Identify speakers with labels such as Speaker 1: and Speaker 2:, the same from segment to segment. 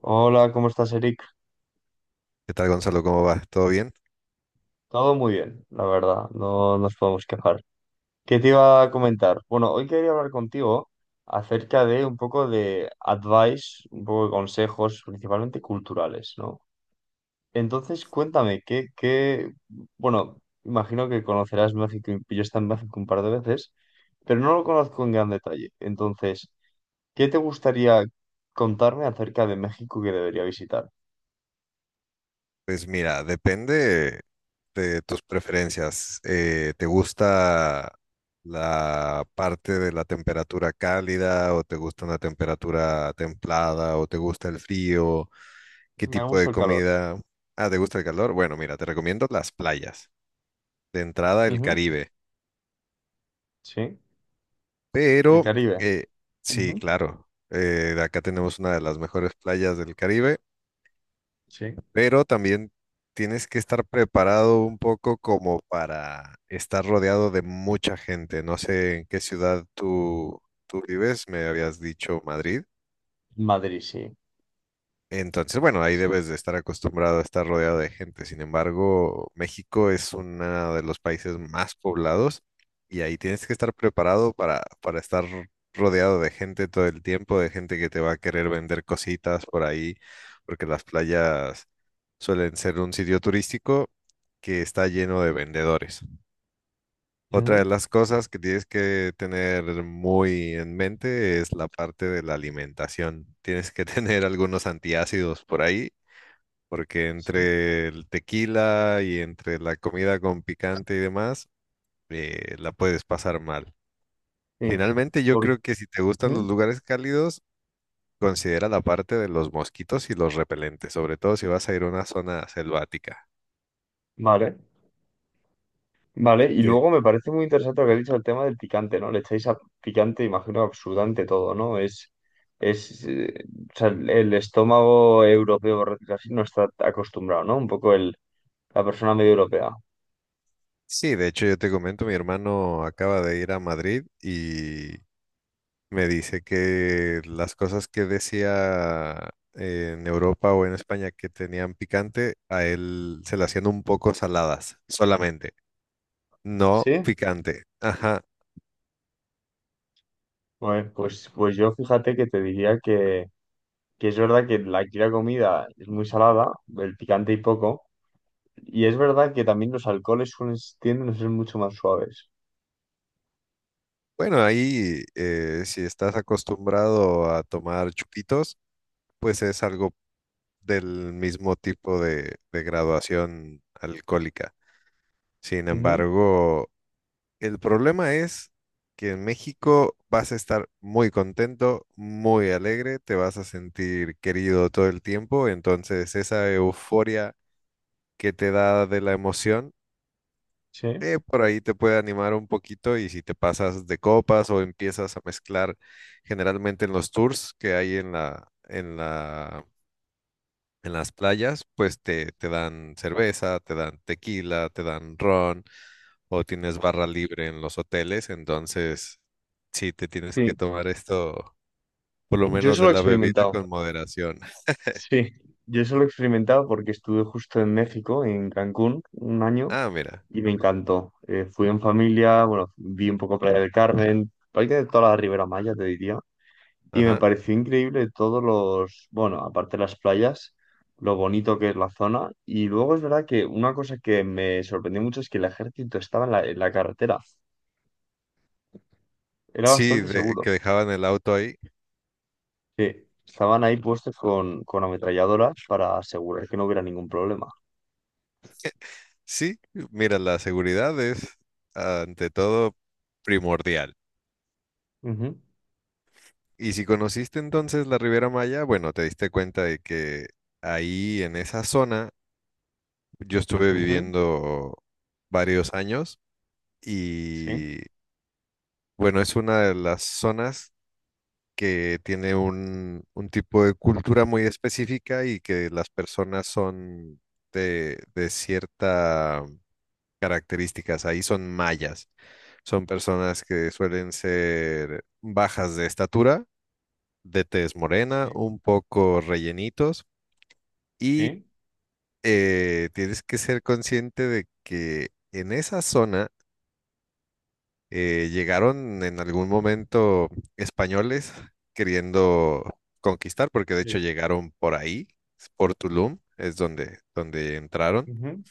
Speaker 1: Hola, ¿cómo estás, Eric?
Speaker 2: ¿Qué tal, Gonzalo? ¿Cómo va? ¿Todo bien?
Speaker 1: Todo muy bien, la verdad, no nos podemos quejar. ¿Qué te iba a comentar? Bueno, hoy quería hablar contigo acerca de un poco de advice, un poco de consejos, principalmente culturales, ¿no? Entonces, cuéntame, ¿qué... Bueno, imagino que conocerás México, y yo he estado en México un par de veces, pero no lo conozco en gran detalle. Entonces, ¿qué te gustaría contarme acerca de México que debería visitar?
Speaker 2: Pues mira, depende de tus preferencias. ¿Te gusta la parte de la temperatura cálida o te gusta una temperatura templada o te gusta el frío? ¿Qué
Speaker 1: Me
Speaker 2: tipo
Speaker 1: gusta
Speaker 2: de
Speaker 1: el calor.
Speaker 2: comida? Ah, ¿te gusta el calor? Bueno, mira, te recomiendo las playas. De entrada, el
Speaker 1: Ujú.
Speaker 2: Caribe.
Speaker 1: Sí, el
Speaker 2: Pero,
Speaker 1: Caribe.
Speaker 2: eh, sí, claro, acá tenemos una de las mejores playas del Caribe,
Speaker 1: Sí.
Speaker 2: pero también tienes que estar preparado un poco como para estar rodeado de mucha gente. No sé en qué ciudad tú vives, me habías dicho Madrid.
Speaker 1: Madrid, sí.
Speaker 2: Entonces, bueno, ahí
Speaker 1: Sí.
Speaker 2: debes de estar acostumbrado a estar rodeado de gente. Sin embargo, México es uno de los países más poblados y ahí tienes que estar preparado para estar rodeado de gente todo el tiempo, de gente que te va a querer vender cositas por ahí, porque las playas suelen ser un sitio turístico que está lleno de vendedores. Otra de
Speaker 1: Ujú.
Speaker 2: las cosas que tienes que tener muy en mente es la parte de la alimentación. Tienes que tener algunos antiácidos por ahí porque
Speaker 1: Sí.
Speaker 2: entre el tequila y entre la comida con picante y demás, la puedes pasar mal.
Speaker 1: Sí.
Speaker 2: Finalmente, yo
Speaker 1: Por-
Speaker 2: creo que si te gustan los
Speaker 1: Ujú.
Speaker 2: lugares cálidos, considera la parte de los mosquitos y los repelentes, sobre todo si vas a ir a una zona selvática.
Speaker 1: Vale, vale. Y
Speaker 2: Que-
Speaker 1: luego me parece muy interesante lo que has dicho el tema del picante, ¿no? Le echáis a picante, imagino, absolutamente todo, ¿no? Es, eh, o sea, el estómago europeo, por decirlo así, no está acostumbrado, ¿no? Un poco la persona medio europea.
Speaker 2: Sí, de hecho, yo te comento, mi hermano acaba de ir a Madrid y me dice que las cosas que decía en Europa o en España que tenían picante, a él se le hacían un poco saladas solamente. No
Speaker 1: ¿Sí?
Speaker 2: picante. Ajá.
Speaker 1: Bueno, pues yo fíjate que te diría que es verdad que aquí la comida es muy salada, el picante y poco. Y es verdad que también los alcoholes suelen, tienden a ser mucho más suaves.
Speaker 2: Bueno, ahí, si estás acostumbrado a tomar chupitos, pues es algo del mismo tipo de graduación alcohólica. Sin
Speaker 1: Ujú.
Speaker 2: embargo, el problema es que en México vas a estar muy contento, muy alegre, te vas a sentir querido todo el tiempo, entonces esa euforia que te da de la emoción,
Speaker 1: Sí.
Speaker 2: Por ahí te puede animar un poquito y si te pasas de copas o empiezas a mezclar generalmente en los tours que hay en las playas, pues te dan cerveza, te dan tequila, te dan ron o tienes barra libre en los hoteles, entonces sí te tienes que
Speaker 1: Sí.
Speaker 2: tomar esto, por lo
Speaker 1: Yo
Speaker 2: menos
Speaker 1: eso lo
Speaker 2: de
Speaker 1: he
Speaker 2: la bebida,
Speaker 1: experimentado.
Speaker 2: con moderación.
Speaker 1: Sí. Yo eso lo he experimentado porque estuve justo en México, en Cancún, un año,
Speaker 2: Ah, mira,
Speaker 1: y me encantó. Fui en familia, bueno, vi un poco Playa del Carmen, prácticamente toda la Ribera Maya, te diría. Y me
Speaker 2: ajá.
Speaker 1: pareció increíble todos los, bueno, aparte de las playas, lo bonito que es la zona. Y luego es verdad que una cosa que me sorprendió mucho es que el ejército estaba en en la carretera. Era
Speaker 2: Sí,
Speaker 1: bastante seguro.
Speaker 2: que dejaban el auto ahí.
Speaker 1: Sí, estaban ahí puestos con ametralladoras para asegurar que no hubiera ningún problema.
Speaker 2: Sí, mira, la seguridad es ante todo primordial.
Speaker 1: Ujú.
Speaker 2: Y si conociste entonces la Riviera Maya, bueno, te diste cuenta de que ahí en esa zona yo estuve
Speaker 1: Mm.
Speaker 2: viviendo varios años
Speaker 1: Sí,
Speaker 2: y bueno, es una de las zonas que tiene un tipo de cultura muy específica y que las personas son de ciertas características, ahí son mayas. Son personas que suelen ser bajas de estatura, de tez morena,
Speaker 1: sí,
Speaker 2: un poco rellenitos y
Speaker 1: sí,
Speaker 2: tienes que ser consciente de que en esa zona llegaron en algún momento españoles queriendo conquistar, porque de hecho
Speaker 1: sí.
Speaker 2: llegaron por ahí, por Tulum, es donde, donde entraron.
Speaker 1: Ujú.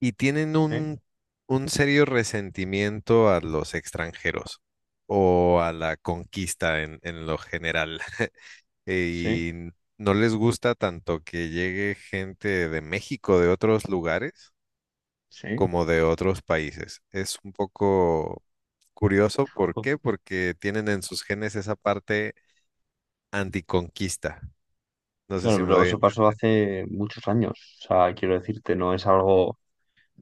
Speaker 2: Y tienen
Speaker 1: Sí,
Speaker 2: un serio resentimiento a los extranjeros o a la conquista en lo general.
Speaker 1: sí,
Speaker 2: Y no les gusta tanto que llegue gente de México, de otros lugares,
Speaker 1: sí.
Speaker 2: como de otros países. Es un poco curioso, ¿por
Speaker 1: Jo.
Speaker 2: qué? Porque tienen en sus genes esa parte anticonquista. No sé
Speaker 1: Claro,
Speaker 2: si me
Speaker 1: pero
Speaker 2: doy a
Speaker 1: eso pasó
Speaker 2: entender.
Speaker 1: hace muchos años. O sea, quiero decirte, no es algo...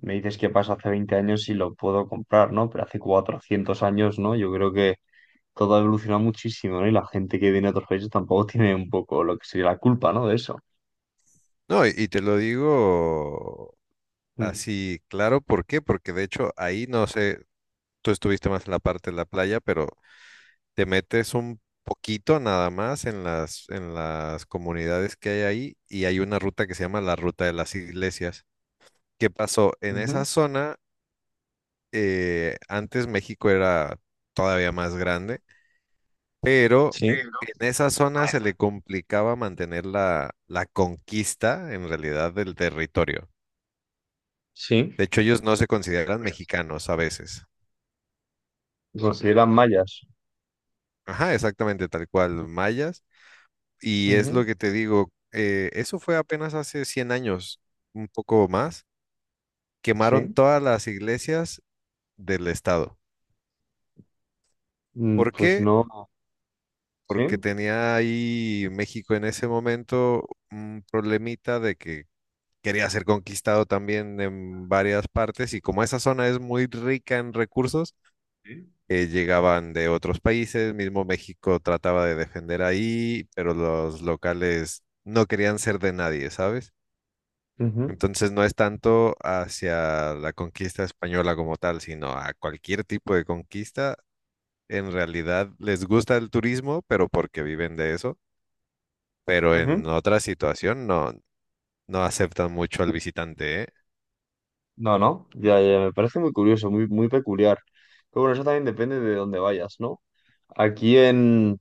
Speaker 1: Me dices que pasa hace 20 años y lo puedo comprar, ¿no? Pero hace 400 años, ¿no? Yo creo que todo ha evolucionado muchísimo, ¿no? Y la gente que viene de otros países tampoco tiene un poco lo que sería la culpa, ¿no? De eso.
Speaker 2: No, y te lo digo
Speaker 1: Mm.
Speaker 2: así, claro, ¿por qué? Porque de hecho ahí no sé, tú estuviste más en la parte de la playa, pero te metes un poquito nada más en las comunidades que hay ahí y hay una ruta que se llama la Ruta de las Iglesias. ¿Qué pasó? En esa
Speaker 1: Ujú.
Speaker 2: zona, antes México era todavía más grande, pero
Speaker 1: Sí.
Speaker 2: en esa zona se le complicaba mantener la conquista en realidad del territorio.
Speaker 1: Sí.
Speaker 2: De hecho, ellos no se consideran mexicanos a veces.
Speaker 1: Se consideran mayas.
Speaker 2: Ajá, exactamente, tal cual, mayas. Y es lo
Speaker 1: Ujú.
Speaker 2: que te digo, eso fue apenas hace 100 años, un poco más, quemaron
Speaker 1: Sí.
Speaker 2: todas las iglesias del estado.
Speaker 1: Mm.
Speaker 2: ¿Por
Speaker 1: Pues
Speaker 2: qué?
Speaker 1: no.
Speaker 2: Porque
Speaker 1: Sí.
Speaker 2: tenía ahí México en ese momento un problemita de que quería ser conquistado también en varias partes y como esa zona es muy rica en recursos,
Speaker 1: Sí.
Speaker 2: llegaban de otros países, mismo México trataba de defender ahí, pero los locales no querían ser de nadie, ¿sabes?
Speaker 1: Ujú,
Speaker 2: Entonces no es tanto hacia la conquista española como tal, sino a cualquier tipo de conquista. En realidad les gusta el turismo, pero porque viven de eso. Pero en
Speaker 1: ujú.
Speaker 2: otra situación no, no aceptan mucho al visitante, ¿eh?
Speaker 1: No, no. Ya, ya, me parece muy curioso, muy, muy peculiar. Pero bueno, eso también depende de dónde vayas, ¿no? Aquí en,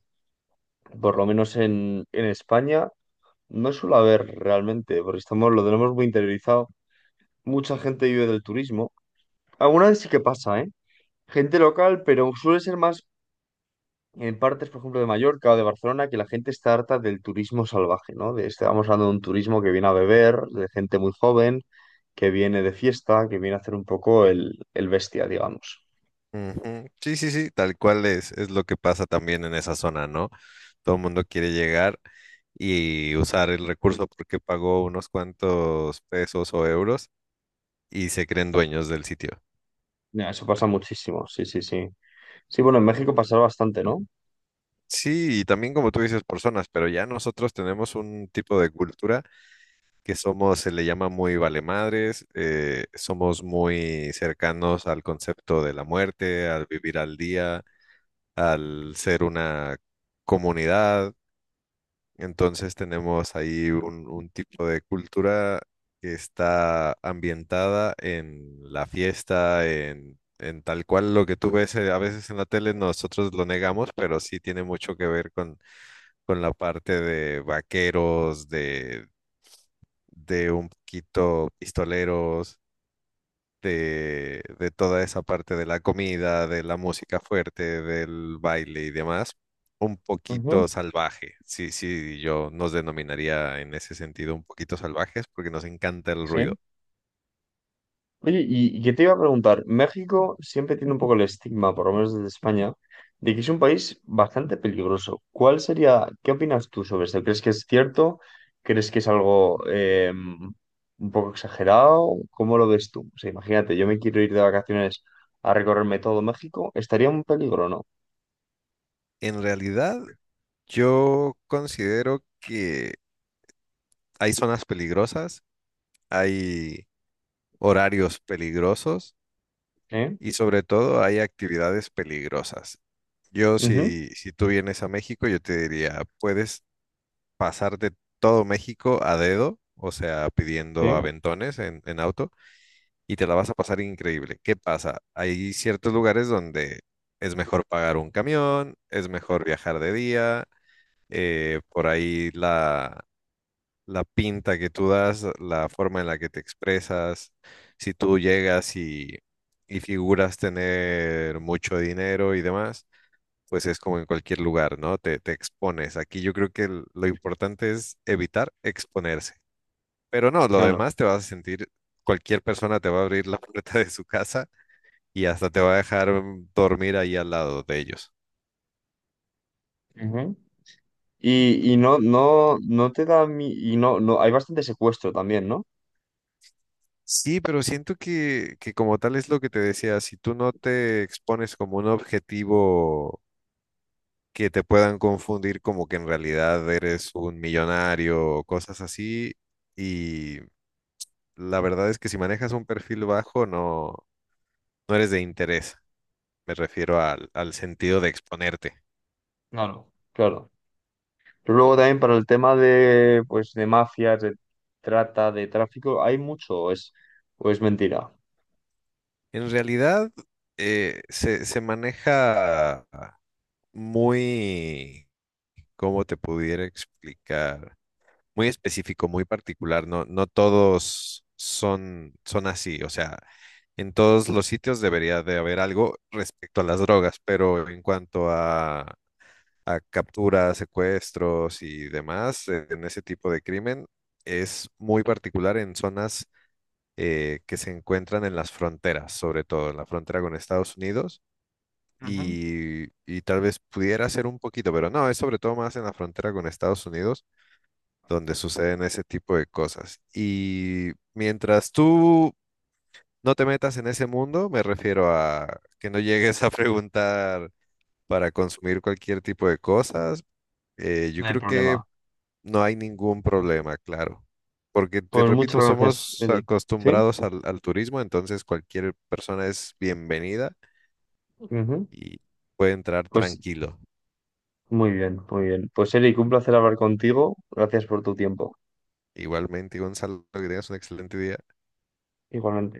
Speaker 1: por lo menos en España, no suele haber realmente, porque estamos, lo tenemos muy interiorizado. Mucha gente vive del turismo. Alguna vez sí que pasa, ¿eh? Gente local, pero suele ser más en partes, por ejemplo, de Mallorca o de Barcelona, que la gente está harta del turismo salvaje, ¿no? De, estamos hablando de un turismo que viene a beber, de gente muy joven, que viene de fiesta, que viene a hacer un poco el bestia, digamos.
Speaker 2: Ujú. Sí, sí, sí, tal cual es lo que pasa también en esa zona, ¿no? Todo el mundo quiere llegar y usar el recurso porque pagó unos cuantos pesos o euros y se creen dueños del sitio.
Speaker 1: Ya, eso pasa muchísimo, sí, sí, sí. Sí, bueno, en México pasa bastante, no.
Speaker 2: Sí, y también como tú dices, personas, pero ya nosotros tenemos un tipo de cultura que somos, se le llama muy valemadres, somos muy cercanos al concepto de la muerte, al vivir al día, al ser una comunidad. Entonces tenemos ahí un tipo de cultura que está ambientada en la fiesta, en tal cual lo que tú ves a veces en la tele, nosotros lo negamos, pero sí tiene mucho que ver con la parte de vaqueros, de un poquito pistoleros, de toda esa parte de la comida, de la música fuerte, del baile y demás, un
Speaker 1: Ujú,
Speaker 2: poquito salvaje. Sí, sí, yo nos denominaría en ese sentido un poquito salvajes porque nos encanta el
Speaker 1: sí.
Speaker 2: ruido.
Speaker 1: Oye, y que te iba a preguntar, México siempre tiene un poco el estigma, por lo menos desde España, de que es un país bastante peligroso. ¿Cuál sería, qué opinas tú sobre esto? ¿Crees que es cierto? ¿Crees que es algo un poco exagerado? ¿Cómo lo ves tú? O sea, imagínate, yo me quiero ir de vacaciones a recorrerme todo México, estaría un peligro, ¿no?
Speaker 2: En realidad, yo considero que hay zonas peligrosas, hay horarios peligrosos
Speaker 1: ¿Eh?
Speaker 2: y sobre todo hay actividades peligrosas. Yo,
Speaker 1: Ujú.
Speaker 2: si tú vienes a México, yo te diría, puedes pasarte todo México a dedo, o sea, pidiendo
Speaker 1: Sí,
Speaker 2: aventones en auto, y te la vas a pasar increíble. ¿Qué pasa? Hay ciertos lugares donde es mejor pagar un camión, es mejor viajar de día, por ahí la pinta que tú das, la forma en la que te expresas, si tú llegas y figuras tener mucho dinero y demás, pues es como en cualquier lugar, ¿no? Te expones. Aquí yo creo que lo importante es evitar exponerse. Pero no, lo
Speaker 1: claro.
Speaker 2: demás te vas a sentir, cualquier persona te va a abrir la puerta de su casa y hasta te va a dejar mm, dormir ahí al lado de ellos.
Speaker 1: Ujú. Y no te da mi... No, hay bastante secuestro también, ¿no?
Speaker 2: Sí, pero siento que como tal es lo que te decía, si tú no te expones como un objetivo que te puedan confundir como que en realidad eres un millonario o cosas así, y la verdad es que si manejas un perfil bajo, no, no eres de interés, me refiero al sentido de exponerte.
Speaker 1: Claro. Claro. Pero luego también para el tema de, pues, de mafias, de trata, de tráfico, ¿hay mucho o es mentira?
Speaker 2: En realidad, se maneja muy, ¿cómo te pudiera explicar? Muy específico, muy particular. No, no todos son así. O sea, en todos los sitios debería de haber algo respecto a las drogas, pero en cuanto a capturas, secuestros y demás, en ese tipo de crimen, es muy particular en zonas que se encuentran en las fronteras, sobre todo en la frontera con Estados Unidos.
Speaker 1: Ujú.
Speaker 2: Y tal vez pudiera ser un poquito, pero no, es sobre todo más en la frontera con Estados Unidos donde suceden ese tipo de cosas. Y mientras tú no te metas en ese mundo, me refiero a que no llegues a preguntar para consumir cualquier tipo de cosas,
Speaker 1: No
Speaker 2: yo
Speaker 1: hay
Speaker 2: creo que
Speaker 1: problema.
Speaker 2: no hay ningún problema, claro. Porque te
Speaker 1: Pues
Speaker 2: repito,
Speaker 1: muchas gracias,
Speaker 2: somos
Speaker 1: Eric. ¿Sí?
Speaker 2: acostumbrados al turismo, entonces cualquier persona es bienvenida
Speaker 1: Ujú.
Speaker 2: y puede entrar
Speaker 1: Pues
Speaker 2: tranquilo.
Speaker 1: muy bien, muy bien. Pues Eric, un placer hablar contigo. Gracias por tu tiempo.
Speaker 2: Igualmente, Gonzalo, que tengas un excelente día.
Speaker 1: Igualmente.